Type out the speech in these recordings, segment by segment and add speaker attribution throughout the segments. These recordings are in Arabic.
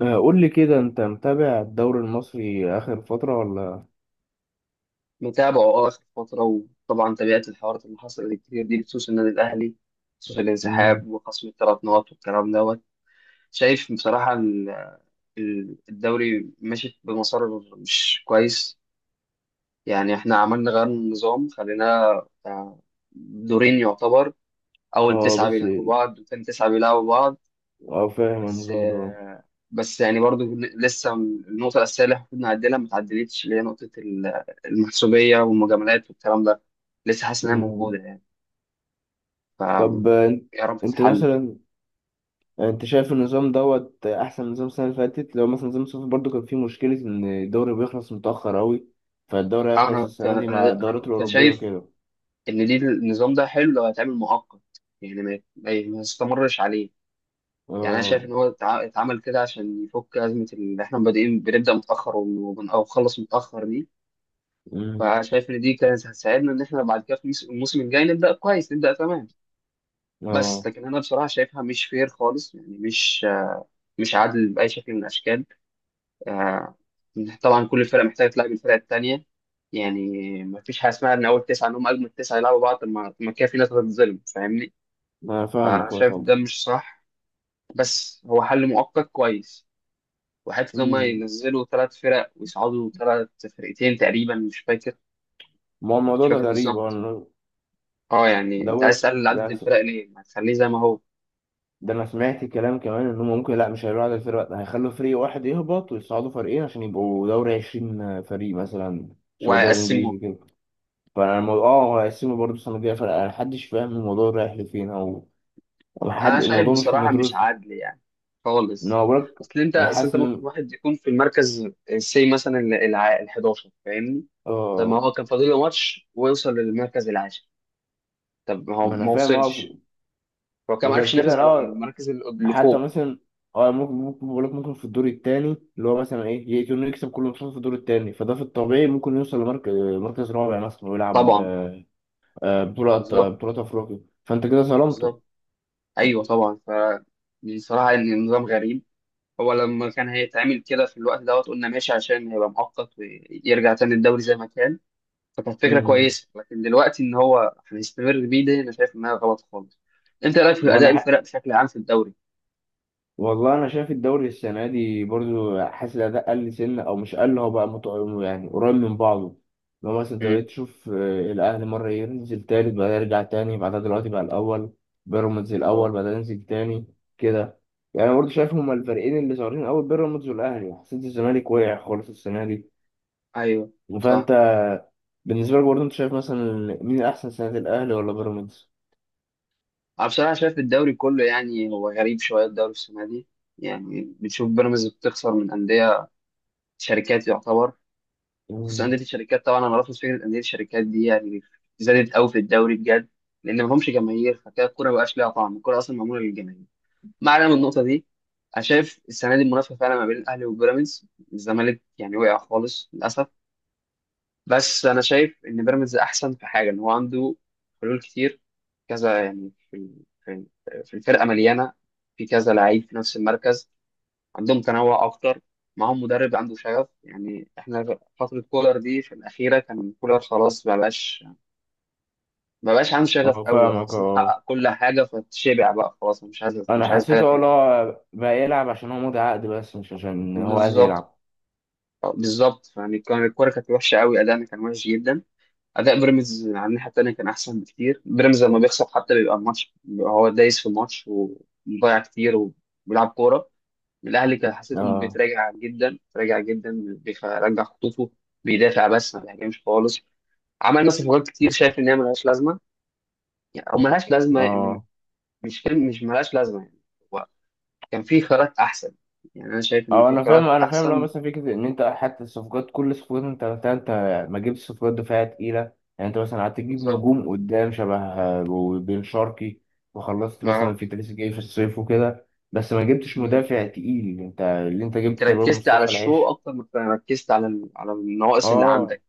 Speaker 1: آه، قول لي كده انت متابع الدوري المصري اخر فترة ولا؟
Speaker 2: متابعه اخر فتره. وطبعا تابعت الحوارات اللي حصلت كتير دي بخصوص النادي الاهلي، بخصوص
Speaker 1: مم.
Speaker 2: الانسحاب وخصم الثلاث نقط والكلام دوت. شايف بصراحه الدوري ماشي بمسار مش كويس. يعني احنا عملنا غير النظام، خلينا آه، دورين يعتبر، اول
Speaker 1: اه
Speaker 2: تسعه
Speaker 1: بس.
Speaker 2: بيلعبوا بعض وثاني تسعه بيلعبوا بعض.
Speaker 1: اه فاهم
Speaker 2: بس
Speaker 1: النظام ده.
Speaker 2: بس يعني برضو لسه النقطة الأساسية اللي المفروض نعدلها ما اتعدلتش، اللي هي نقطة المحسوبية والمجاملات والكلام ده، لسه حاسس إنها
Speaker 1: مم.
Speaker 2: موجودة يعني. ف
Speaker 1: طب انت
Speaker 2: يا رب
Speaker 1: أنت
Speaker 2: تتحل.
Speaker 1: مثلا انت شايف النظام دوت احسن من نظام السنة اللي فاتت؟ لو مثلا نظام الصيف برضو كان فيه مشكلة ان الدوري بيخلص متأخر اوي، فالدوري هيخلص السنة دي مع
Speaker 2: أنا
Speaker 1: الدورات
Speaker 2: كنت
Speaker 1: الأوروبية
Speaker 2: شايف
Speaker 1: كده.
Speaker 2: إن دي النظام ده حلو لو هيتعمل مؤقت، يعني ما يستمرش عليه. يعني أنا شايف
Speaker 1: اه.
Speaker 2: إن هو اتعمل كده عشان يفك أزمة اللي إحنا بادئين بنبدأ متأخر أو بنخلص متأخر دي.
Speaker 1: مم.
Speaker 2: فشايف إن دي كانت هتساعدنا إن إحنا بعد كده في الموسم الجاي نبدأ كويس، نبدأ تمام. بس
Speaker 1: اه،
Speaker 2: لكن انا بصراحه شايفها مش فير خالص، يعني مش مش عادل باي شكل من الاشكال. آه، طبعا كل فرقه محتاجه تلعب الفرقه الثانيه يعني. ما فيش حاجه اسمها ان اول تسعه ان هم اجمد تسعه يلعبوا بعض. طب ما كده في ناس هتتظلم، فاهمني؟
Speaker 1: انا فاهمك اه
Speaker 2: فشايف
Speaker 1: طبعا.
Speaker 2: ده مش صح، بس هو حل مؤقت كويس. وحتى ان هم
Speaker 1: مم.
Speaker 2: ينزلوا ثلاث فرق ويصعدوا ثلاث، فرقتين تقريبا، مش فاكر،
Speaker 1: ما هو
Speaker 2: مش
Speaker 1: الموضوع ده
Speaker 2: فاكر
Speaker 1: غريب
Speaker 2: بالظبط.
Speaker 1: إن
Speaker 2: اه يعني انت عايز
Speaker 1: دورك،
Speaker 2: تقلل عدد الفرق ليه؟ ما تخليه زي ما هو
Speaker 1: ده انا سمعت كلام كمان ان هم ممكن، لا مش هيعملوا عدد الفرق، لا، هيخلوا فريق واحد يهبط ويصعدوا فريقين عشان يبقوا دوري 20 فريق مثلا، شبه الدوري الانجليزي
Speaker 2: ويقسموه.
Speaker 1: كده. فانا الموضوع هيقسموا برضه السنه الجايه فرق، انا محدش فاهم الموضوع رايح لفين أو
Speaker 2: انا
Speaker 1: حد،
Speaker 2: شايف
Speaker 1: الموضوع مش
Speaker 2: بصراحه مش
Speaker 1: مدروس.
Speaker 2: عادل يعني،
Speaker 1: ان
Speaker 2: خالص.
Speaker 1: هو بقولك
Speaker 2: اصل انت
Speaker 1: انا
Speaker 2: اصل
Speaker 1: حاسس
Speaker 2: انت ممكن
Speaker 1: ان
Speaker 2: واحد يكون في المركز سي مثلا، ال 11 فاهمني. طب ما
Speaker 1: اه
Speaker 2: هو كان فاضل له ماتش ويوصل للمركز العاشر، طب ما هو
Speaker 1: ما انا
Speaker 2: ما
Speaker 1: فاهم اه.
Speaker 2: وصلش، هو كان ما
Speaker 1: وغير
Speaker 2: عرفش
Speaker 1: كده
Speaker 2: ينافس على
Speaker 1: لا،
Speaker 2: المراكز اللي
Speaker 1: حتى
Speaker 2: فوق.
Speaker 1: مثلا اه ممكن بقولك ممكن في الدور التاني اللي هو مثلا ايه يكون يكسب كل ماتشات في الدور التاني، فده في الطبيعي ممكن يوصل لمركز، مركز رابع مثلا ويلعب
Speaker 2: طبعا. بالظبط،
Speaker 1: بطولة أفريقيا، فأنت كده ظلمته.
Speaker 2: بالظبط. ايوه طبعا. بصراحه ان النظام غريب. هو لما كان هيتعمل كده في الوقت دوت قلنا ماشي عشان هيبقى مؤقت ويرجع تاني الدوري زي ما كان، فكانت فكره
Speaker 1: مم.
Speaker 2: كويسه. لكن دلوقتي ان هو هنستمر بيه، ده انا شايف انها غلط خالص. انت رايك في اداء
Speaker 1: وأنا حق.
Speaker 2: الفرق بشكل عام في الدوري؟
Speaker 1: والله أنا شايف الدوري السنة دي برضو حاسس الأداء قل سنة، أو مش قل، هو بقى يعني قريب من بعضه. لو مثلا أنت
Speaker 2: امم،
Speaker 1: بقيت تشوف الأهلي مرة ينزل تالت بعدها يرجع تاني بعدها دلوقتي بقى الأول، بيراميدز الأول
Speaker 2: اه،
Speaker 1: بعدها ينزل تاني كده. يعني برضه شايف هما الفريقين اللي ظاهرين أوي بيراميدز والأهلي، حسيت الزمالك وقع خالص السنة دي.
Speaker 2: ايوه، صح.
Speaker 1: فأنت بالنسبة لك برضه أنت شايف مثلا مين أحسن سنة، الأهلي ولا بيراميدز؟
Speaker 2: انا بصراحه شايف الدوري كله يعني هو غريب شويه الدوري السنه دي. يعني بتشوف بيراميدز بتخسر من انديه شركات يعتبر. بخصوص انديه الشركات، طبعا انا رافض فكره انديه الشركات دي يعني، زادت قوي في الدوري بجد، لان ما همش جماهير. فكده الكوره ما بقاش ليها طعم، الكوره اصلا معموله للجماهير. ما علينا من النقطه دي. انا شايف السنه دي المنافسه فعلا ما بين الاهلي وبيراميدز، الزمالك يعني وقع خالص للاسف. بس انا شايف ان بيراميدز احسن في حاجه، ان هو عنده حلول كتير، كذا يعني، في الفرقه مليانه، في كذا لعيب في نفس المركز، عندهم تنوع اكتر. معاهم مدرب عنده شغف. يعني احنا فتره كولر دي في الاخيره كان كولر خلاص، ما بقاش، ما بقاش عنده شغف
Speaker 1: اه
Speaker 2: قوي،
Speaker 1: فاهمك
Speaker 2: وحاسس انه
Speaker 1: اه،
Speaker 2: حقق كل حاجه فتشبع بقى خلاص، مش عايز، مش
Speaker 1: انا
Speaker 2: عايز حاجه
Speaker 1: حسيته اه،
Speaker 2: تاني.
Speaker 1: لا بقى يلعب عشان هو مضي عقد بس مش عشان هو عايز
Speaker 2: بالظبط.
Speaker 1: يلعب.
Speaker 2: بالظبط يعني، كان الكوره كانت وحشه قوي، ادائنا كان وحش جدا. اداء بيراميدز على الناحيه التانيه كان احسن بكتير. بيراميدز لما بيخسر حتى بيبقى الماتش، بيبقى هو دايس في الماتش ومضيع كتير وبيلعب كوره. الاهلي كان حسيته
Speaker 1: اه،
Speaker 2: بيتراجع جدا، بيتراجع جدا، بيرجع خطوطه، بيدافع بس ما بيهاجمش خالص. عملنا صفقات كتير شايف ان هي ملهاش لازمه، يعني او ملهاش لازمه يعني،
Speaker 1: اه،
Speaker 2: مش فيلم، مش ملهاش لازمه يعني. هو كان في خيارات احسن، يعني انا شايف ان
Speaker 1: اه،
Speaker 2: في
Speaker 1: انا فاهم
Speaker 2: خيارات
Speaker 1: انا فاهم لو
Speaker 2: احسن.
Speaker 1: مثلا فكره ان انت حتى الصفقات كل الصفقات انت عملتها انت، ما جبتش صفقات دفاعيه تقيله. يعني انت مثلا قعدت تجيب
Speaker 2: بالظبط.
Speaker 1: نجوم قدام شبه وبن شرقي وخلصت مثلا
Speaker 2: اه
Speaker 1: في تريزيجيه في الصيف وكده، بس ما جبتش مدافع تقيل، انت اللي انت
Speaker 2: انت
Speaker 1: جبته تقريبا
Speaker 2: ركزت على
Speaker 1: مصطفى
Speaker 2: الشو
Speaker 1: العيش.
Speaker 2: اكتر ما ركزت على على النواقص اللي
Speaker 1: اه.
Speaker 2: عندك.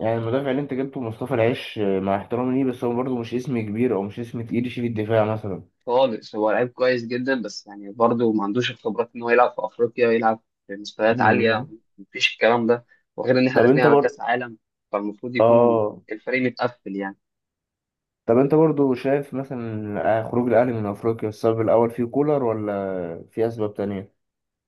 Speaker 1: يعني المدافع اللي انت جبته مصطفى العيش، مع احترامي ليه بس هو برضه مش اسم كبير او مش اسم تقيل يشيل الدفاع مثلا.
Speaker 2: خالص هو لعيب كويس جدا، بس يعني برضه ما عندوش الخبرات ان هو يلعب في افريقيا ويلعب في مستويات عاليه،
Speaker 1: مم.
Speaker 2: مفيش الكلام ده. وغير ان احنا
Speaker 1: طب
Speaker 2: داخلين
Speaker 1: انت
Speaker 2: على
Speaker 1: بر
Speaker 2: كاس عالم، فالمفروض يكون
Speaker 1: اه
Speaker 2: الفريق متقفل يعني.
Speaker 1: طب انت برضه شايف مثلا خروج الاهلي من افريقيا السبب الاول فيه كولر ولا في اسباب تانية؟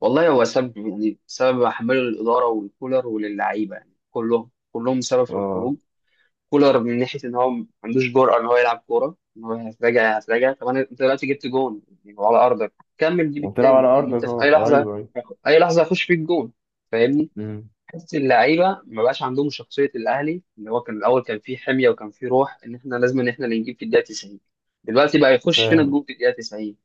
Speaker 2: والله هو سبب، يعني سبب احمله للاداره والكولر وللعيبه، يعني كلهم، كلهم سبب في الخروج.
Speaker 1: اه
Speaker 2: كولر من ناحيه ان هو ما عندوش جرأه ان هو يلعب كوره، ان هو هتراجع هتراجع. طب انا انت دلوقتي جبت جون يعني وعلى ارضك، كمل جيب
Speaker 1: وبتلعب
Speaker 2: التاني،
Speaker 1: على
Speaker 2: لان
Speaker 1: ارضك،
Speaker 2: انت في اي
Speaker 1: اه
Speaker 2: لحظه،
Speaker 1: ايوه، ايوه.
Speaker 2: اي لحظه هيخش فيك جون، فاهمني.
Speaker 1: مم.
Speaker 2: حته اللعيبه ما بقاش عندهم شخصيه الاهلي، اللي هو كان الاول كان فيه حميه وكان فيه روح ان احنا لازم ان احنا اللي نجيب في الدقيقه 90، دلوقتي بقى يخش فينا
Speaker 1: فاهم.
Speaker 2: الجون في الدقيقه 90.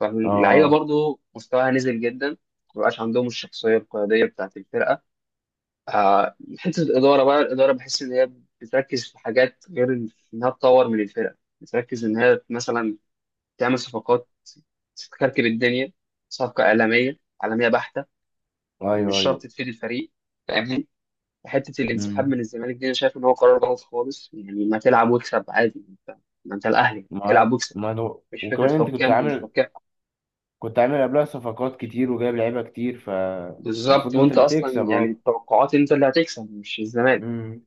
Speaker 2: فاللعيبه
Speaker 1: اه،
Speaker 2: برضو مستواها نزل جدا، ما بقاش عندهم الشخصيه القياديه بتاعت الفرقه. حته الاداره، بقى الاداره بحس ان هي بتركز في حاجات غير انها تطور من الفرق، بتركز ان هي مثلا تعمل صفقات، تكركب الدنيا، صفقه اعلاميه، اعلاميه بحته، مش
Speaker 1: ايوه، ايوه.
Speaker 2: شرط تفيد الفريق، فاهمني. حته الانسحاب
Speaker 1: مم.
Speaker 2: من الزمالك دي انا شايف ان هو قرار غلط خالص، يعني ما تلعب واكسب عادي انت، ما انت الاهلي،
Speaker 1: معاك،
Speaker 2: العب واكسب،
Speaker 1: ما هو
Speaker 2: مش فكره
Speaker 1: وكمان انت كنت
Speaker 2: حكام ومش
Speaker 1: عامل
Speaker 2: حكام.
Speaker 1: كنت عامل قبلها صفقات كتير وجايب لعيبه كتير
Speaker 2: بالظبط،
Speaker 1: فالمفروض انت
Speaker 2: وانت
Speaker 1: اللي
Speaker 2: اصلا
Speaker 1: تكسب.
Speaker 2: يعني
Speaker 1: اه.
Speaker 2: التوقعات انت اللي هتكسب مش الزمالك.
Speaker 1: مم.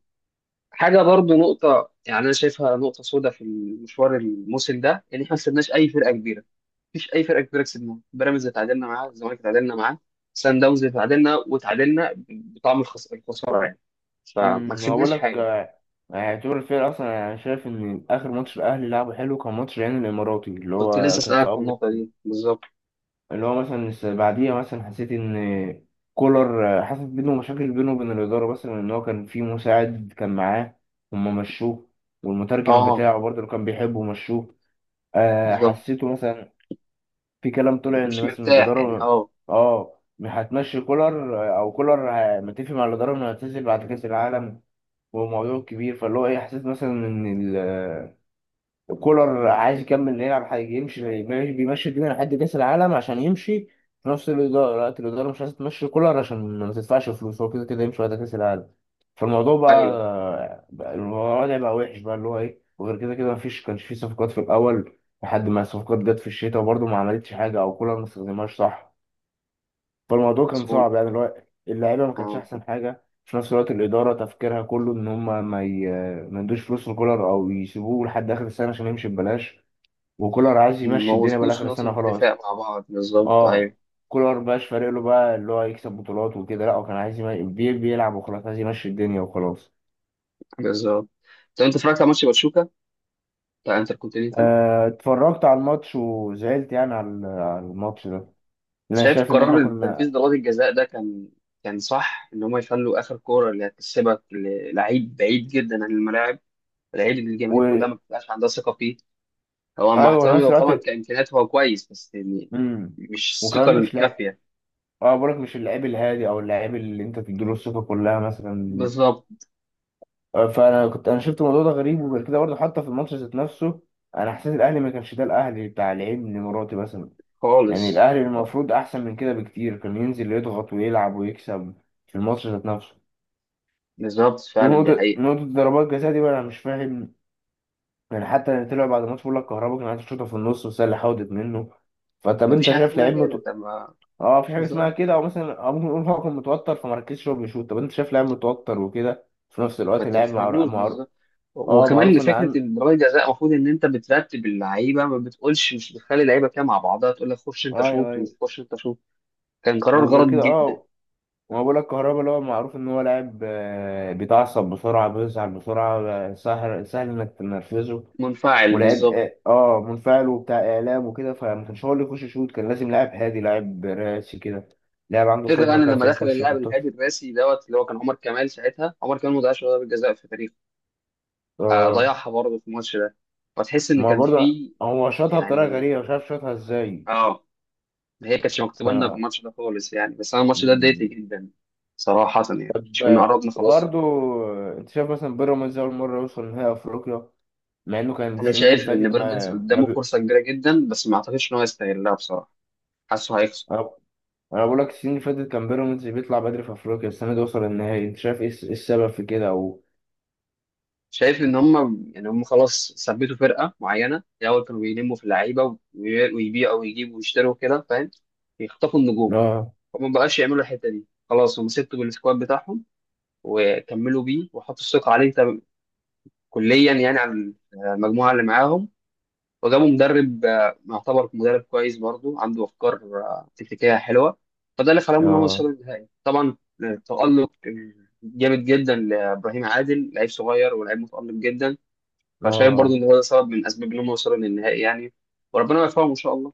Speaker 2: حاجه برضو نقطه، يعني انا شايفها نقطه سوداء في المشوار الموسم ده، ان احنا ما كسبناش اي فرقه كبيره، مفيش اي فرقه كبيره كسبناها. بيراميدز اتعادلنا معاه، الزمالك اتعادلنا معاه، سان داونز اتعادلنا، وتعادلنا بطعم الخساره يعني، فما
Speaker 1: ما بقول
Speaker 2: كسبناش
Speaker 1: لك،
Speaker 2: حاجه.
Speaker 1: اعتبر الفرق اصلا انا شايف ان اخر ماتش الاهلي لعبه حلو كان ماتش العين الاماراتي اللي
Speaker 2: كنت لسه
Speaker 1: هو كان في
Speaker 2: اسالك في
Speaker 1: اول،
Speaker 2: النقطه دي بالظبط.
Speaker 1: اللي هو مثلا بعديها مثلا حسيت ان كولر، حصلت بينه مشاكل بينه وبين الاداره مثلا، ان هو كان في مساعد كان معاه هما مشوه، والمترجم
Speaker 2: اه
Speaker 1: بتاعه برضه اللي كان بيحبه مشوه.
Speaker 2: بالظبط،
Speaker 1: حسيته مثلا في كلام طلع
Speaker 2: يعني
Speaker 1: ان
Speaker 2: مش
Speaker 1: مثلا
Speaker 2: مرتاح يعني،
Speaker 1: الاداره
Speaker 2: اه،
Speaker 1: اه هتمشي كولر، او كولر متفق مع الاداره انه هيعتزل بعد كاس العالم وموضوع كبير، فاللي هو ايه حسيت مثلا ان الكولر عايز يكمل يلعب حاجه، يمشي بيمشي الدنيا لحد كاس العالم عشان يمشي، في نفس الاداره لا الاداره مش عايزه تمشي كولر عشان ما تدفعش فلوس، هو كده كده يمشي بعد كاس العالم. فالموضوع
Speaker 2: ايوه
Speaker 1: بقى، الوضع بقى وحش بقى اللي هو ايه، وغير كده كده مفيش كانش في صفقات في الاول لحد ما الصفقات جت في الشتاء وبرضه ما عملتش حاجه او كولر ما استخدمهاش صح. فالموضوع كان
Speaker 2: مظبوط.
Speaker 1: صعب يعني اللي هو اللعيبه ما كانتش
Speaker 2: اه،
Speaker 1: احسن حاجه، في نفس الوقت الاداره تفكيرها كله ان هم ما يدوش فلوس لكولر او يسيبوه لحد اخر السنه عشان يمشي ببلاش، وكولر عايز
Speaker 2: ما
Speaker 1: يمشي الدنيا
Speaker 2: وصلوش
Speaker 1: بالاخر السنه
Speaker 2: لنقطه
Speaker 1: خلاص.
Speaker 2: اتفاق مع بعض بالظبط،
Speaker 1: اه.
Speaker 2: ايوه
Speaker 1: كولر مبقاش فارق له بقى اللي هو يكسب بطولات وكده لا، هو كان عايز بيلعب وخلاص، عايز يمشي الدنيا وخلاص.
Speaker 2: بالظبط. طب انت اتفرجت على ماتش باتشوكا بتاع انتر؟
Speaker 1: اتفرجت على الماتش وزعلت يعني على الماتش ده، لأن انا
Speaker 2: شايف
Speaker 1: شايف ان احنا
Speaker 2: قرار
Speaker 1: كنا.
Speaker 2: تنفيذ ضربات الجزاء ده كان، كان صح ان هم يخلوا اخر كوره اللي هتسيبك للعيب بعيد جدا عن الملاعب، العيب اللي الجماهير
Speaker 1: و...
Speaker 2: كلها ما بتبقاش عندها ثقه فيه؟ هو مع
Speaker 1: ايوه في
Speaker 2: احترامي
Speaker 1: نفس
Speaker 2: هو
Speaker 1: الوقت.
Speaker 2: طبعا كامكانيات هو كويس، بس يعني
Speaker 1: امم
Speaker 2: مش الثقه
Speaker 1: وكمان مش، لا
Speaker 2: الكافيه.
Speaker 1: اه بقولك مش اللعيب الهادي او اللعيب اللي انت تديله الثقه كلها مثلا.
Speaker 2: بالظبط،
Speaker 1: فانا انا شفت الموضوع ده غريب، وغير كده برضه حتى في الماتش ذات نفسه انا حسيت الاهلي ما كانش ده الاهلي بتاع لعيب مراتي مثلا. يعني
Speaker 2: خالص.
Speaker 1: الاهلي المفروض احسن من كده بكتير، كان ينزل يضغط ويلعب ويكسب في الماتش ذات نفسه.
Speaker 2: بالظبط فعلا دي
Speaker 1: ونقطه
Speaker 2: حقيقه.
Speaker 1: نقطه ضربات جزاء دي بقى انا مش فاهم، يعني حتى اللي طلع بعد الماتش بيقول لك كهربا كان عايز يشوطها في النص بس هي اللي حاولت منه. فطب
Speaker 2: ما
Speaker 1: انت
Speaker 2: فيش حاجه
Speaker 1: شايف
Speaker 2: اسمها
Speaker 1: لعيب؟
Speaker 2: كده، طب ما
Speaker 1: اه، في حاجه اسمها
Speaker 2: بالظبط،
Speaker 1: كده، او مثلا او ممكن نقول هو كان متوتر فمركزش هو بيشوط، طب انت شايف لاعب متوتر وكده في نفس
Speaker 2: ما
Speaker 1: الوقت لاعب معروف،
Speaker 2: تستنوش
Speaker 1: معروف.
Speaker 2: بالظبط.
Speaker 1: اه
Speaker 2: وكمان
Speaker 1: معروف ان
Speaker 2: فكره
Speaker 1: عن،
Speaker 2: ان ضربات الجزاء المفروض ان انت بترتب اللعيبه، ما بتقولش، مش بتخلي اللعيبه كده مع بعضها، تقول لك خش انت
Speaker 1: ايوه
Speaker 2: شوط ومش
Speaker 1: ايوه.
Speaker 2: خش انت شوط. كان قرار
Speaker 1: وغير
Speaker 2: غلط
Speaker 1: كده
Speaker 2: جدا.
Speaker 1: اه، ما بقول لك كهربا اللي هو معروف ان هو لاعب بيتعصب بسرعه بيزعل بسرعه، سهل سهل انك تنرفزه،
Speaker 2: منفعل،
Speaker 1: ولاعب
Speaker 2: بالظبط.
Speaker 1: اه منفعل وبتاع اعلام وكده، فما كانش هو اللي يخش يشوط، كان لازم لاعب هادي لاعب راسي كده، لاعب عنده
Speaker 2: فكرة
Speaker 1: خبره
Speaker 2: يعني لما
Speaker 1: كافيه
Speaker 2: دخل
Speaker 1: يخش
Speaker 2: اللاعب
Speaker 1: يحطها.
Speaker 2: الهادي الراسي دوت اللي هو كان عمر كمال ساعتها، عمر كمال ما ضيعش ولا ضربة جزاء في تاريخه، آه
Speaker 1: اه،
Speaker 2: ضيعها برضه في الماتش ده. فتحس ان
Speaker 1: ما هو
Speaker 2: كان
Speaker 1: برضه
Speaker 2: في،
Speaker 1: هو شاطها بطريقه
Speaker 2: يعني،
Speaker 1: غريبه مش عارف شاطها ازاي.
Speaker 2: اه. هي كانتش مكتوبة لنا في
Speaker 1: فانا
Speaker 2: الماتش ده خالص يعني، بس انا الماتش ده اتضايقت جدا صراحة، يعني مش كنا
Speaker 1: ب...
Speaker 2: قربنا خلاص.
Speaker 1: برضو انت شايف مثلا بيراميدز اول مره يوصل نهائي افريقيا، مع انه كان
Speaker 2: انا
Speaker 1: السنين اللي
Speaker 2: شايف ان
Speaker 1: فاتت
Speaker 2: بيراميدز
Speaker 1: ما ما
Speaker 2: قدامه
Speaker 1: بي...
Speaker 2: فرصة كبيرة جدا، بس ما اعتقدش ان هو يستغلها بصراحة، حاسه هيخسر.
Speaker 1: انا بقول لك السنين اللي فاتت كان بيراميدز بيطلع بدري في افريقيا، السنه دي وصل النهائي، انت شايف ايه إيه السبب في كده او؟
Speaker 2: شايف ان هم يعني هم خلاص ثبتوا فرقه معينه. الاول كانوا بيلموا في اللعيبه ويبيعوا ويجيبوا ويشتروا كده، فاهم، يخطفوا النجوم،
Speaker 1: اه،
Speaker 2: فما بقاش يعملوا الحته دي خلاص. هم سبتوا بالسكواد بتاعهم وكملوا بيه، وحطوا الثقه عليه كليا، يعني على المجموعه اللي معاهم. وجابوا مدرب يعتبر مدرب كويس برضه، عنده افكار تكتيكيه حلوه، فده اللي خلاهم ان هم
Speaker 1: اه،
Speaker 2: يوصلوا للنهائي طبعا. التألق جامد جدا لابراهيم عادل، لعيب صغير ولاعيب متألق جدا، فشايف برضو
Speaker 1: اه،
Speaker 2: ان هو ده سبب من اسباب ان هم وصلوا للنهائي يعني، وربنا يوفقهم ان شاء الله.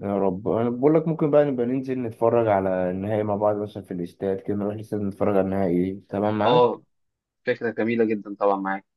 Speaker 1: يا رب انا بقول لك ممكن بقى نبقى ننزل نتفرج على النهائي مع بعض مثلا في الاستاد كده، نروح الاستاد نتفرج على النهائي. تمام
Speaker 2: اه،
Speaker 1: معاك.
Speaker 2: فكره جميله جدا طبعا، معاك.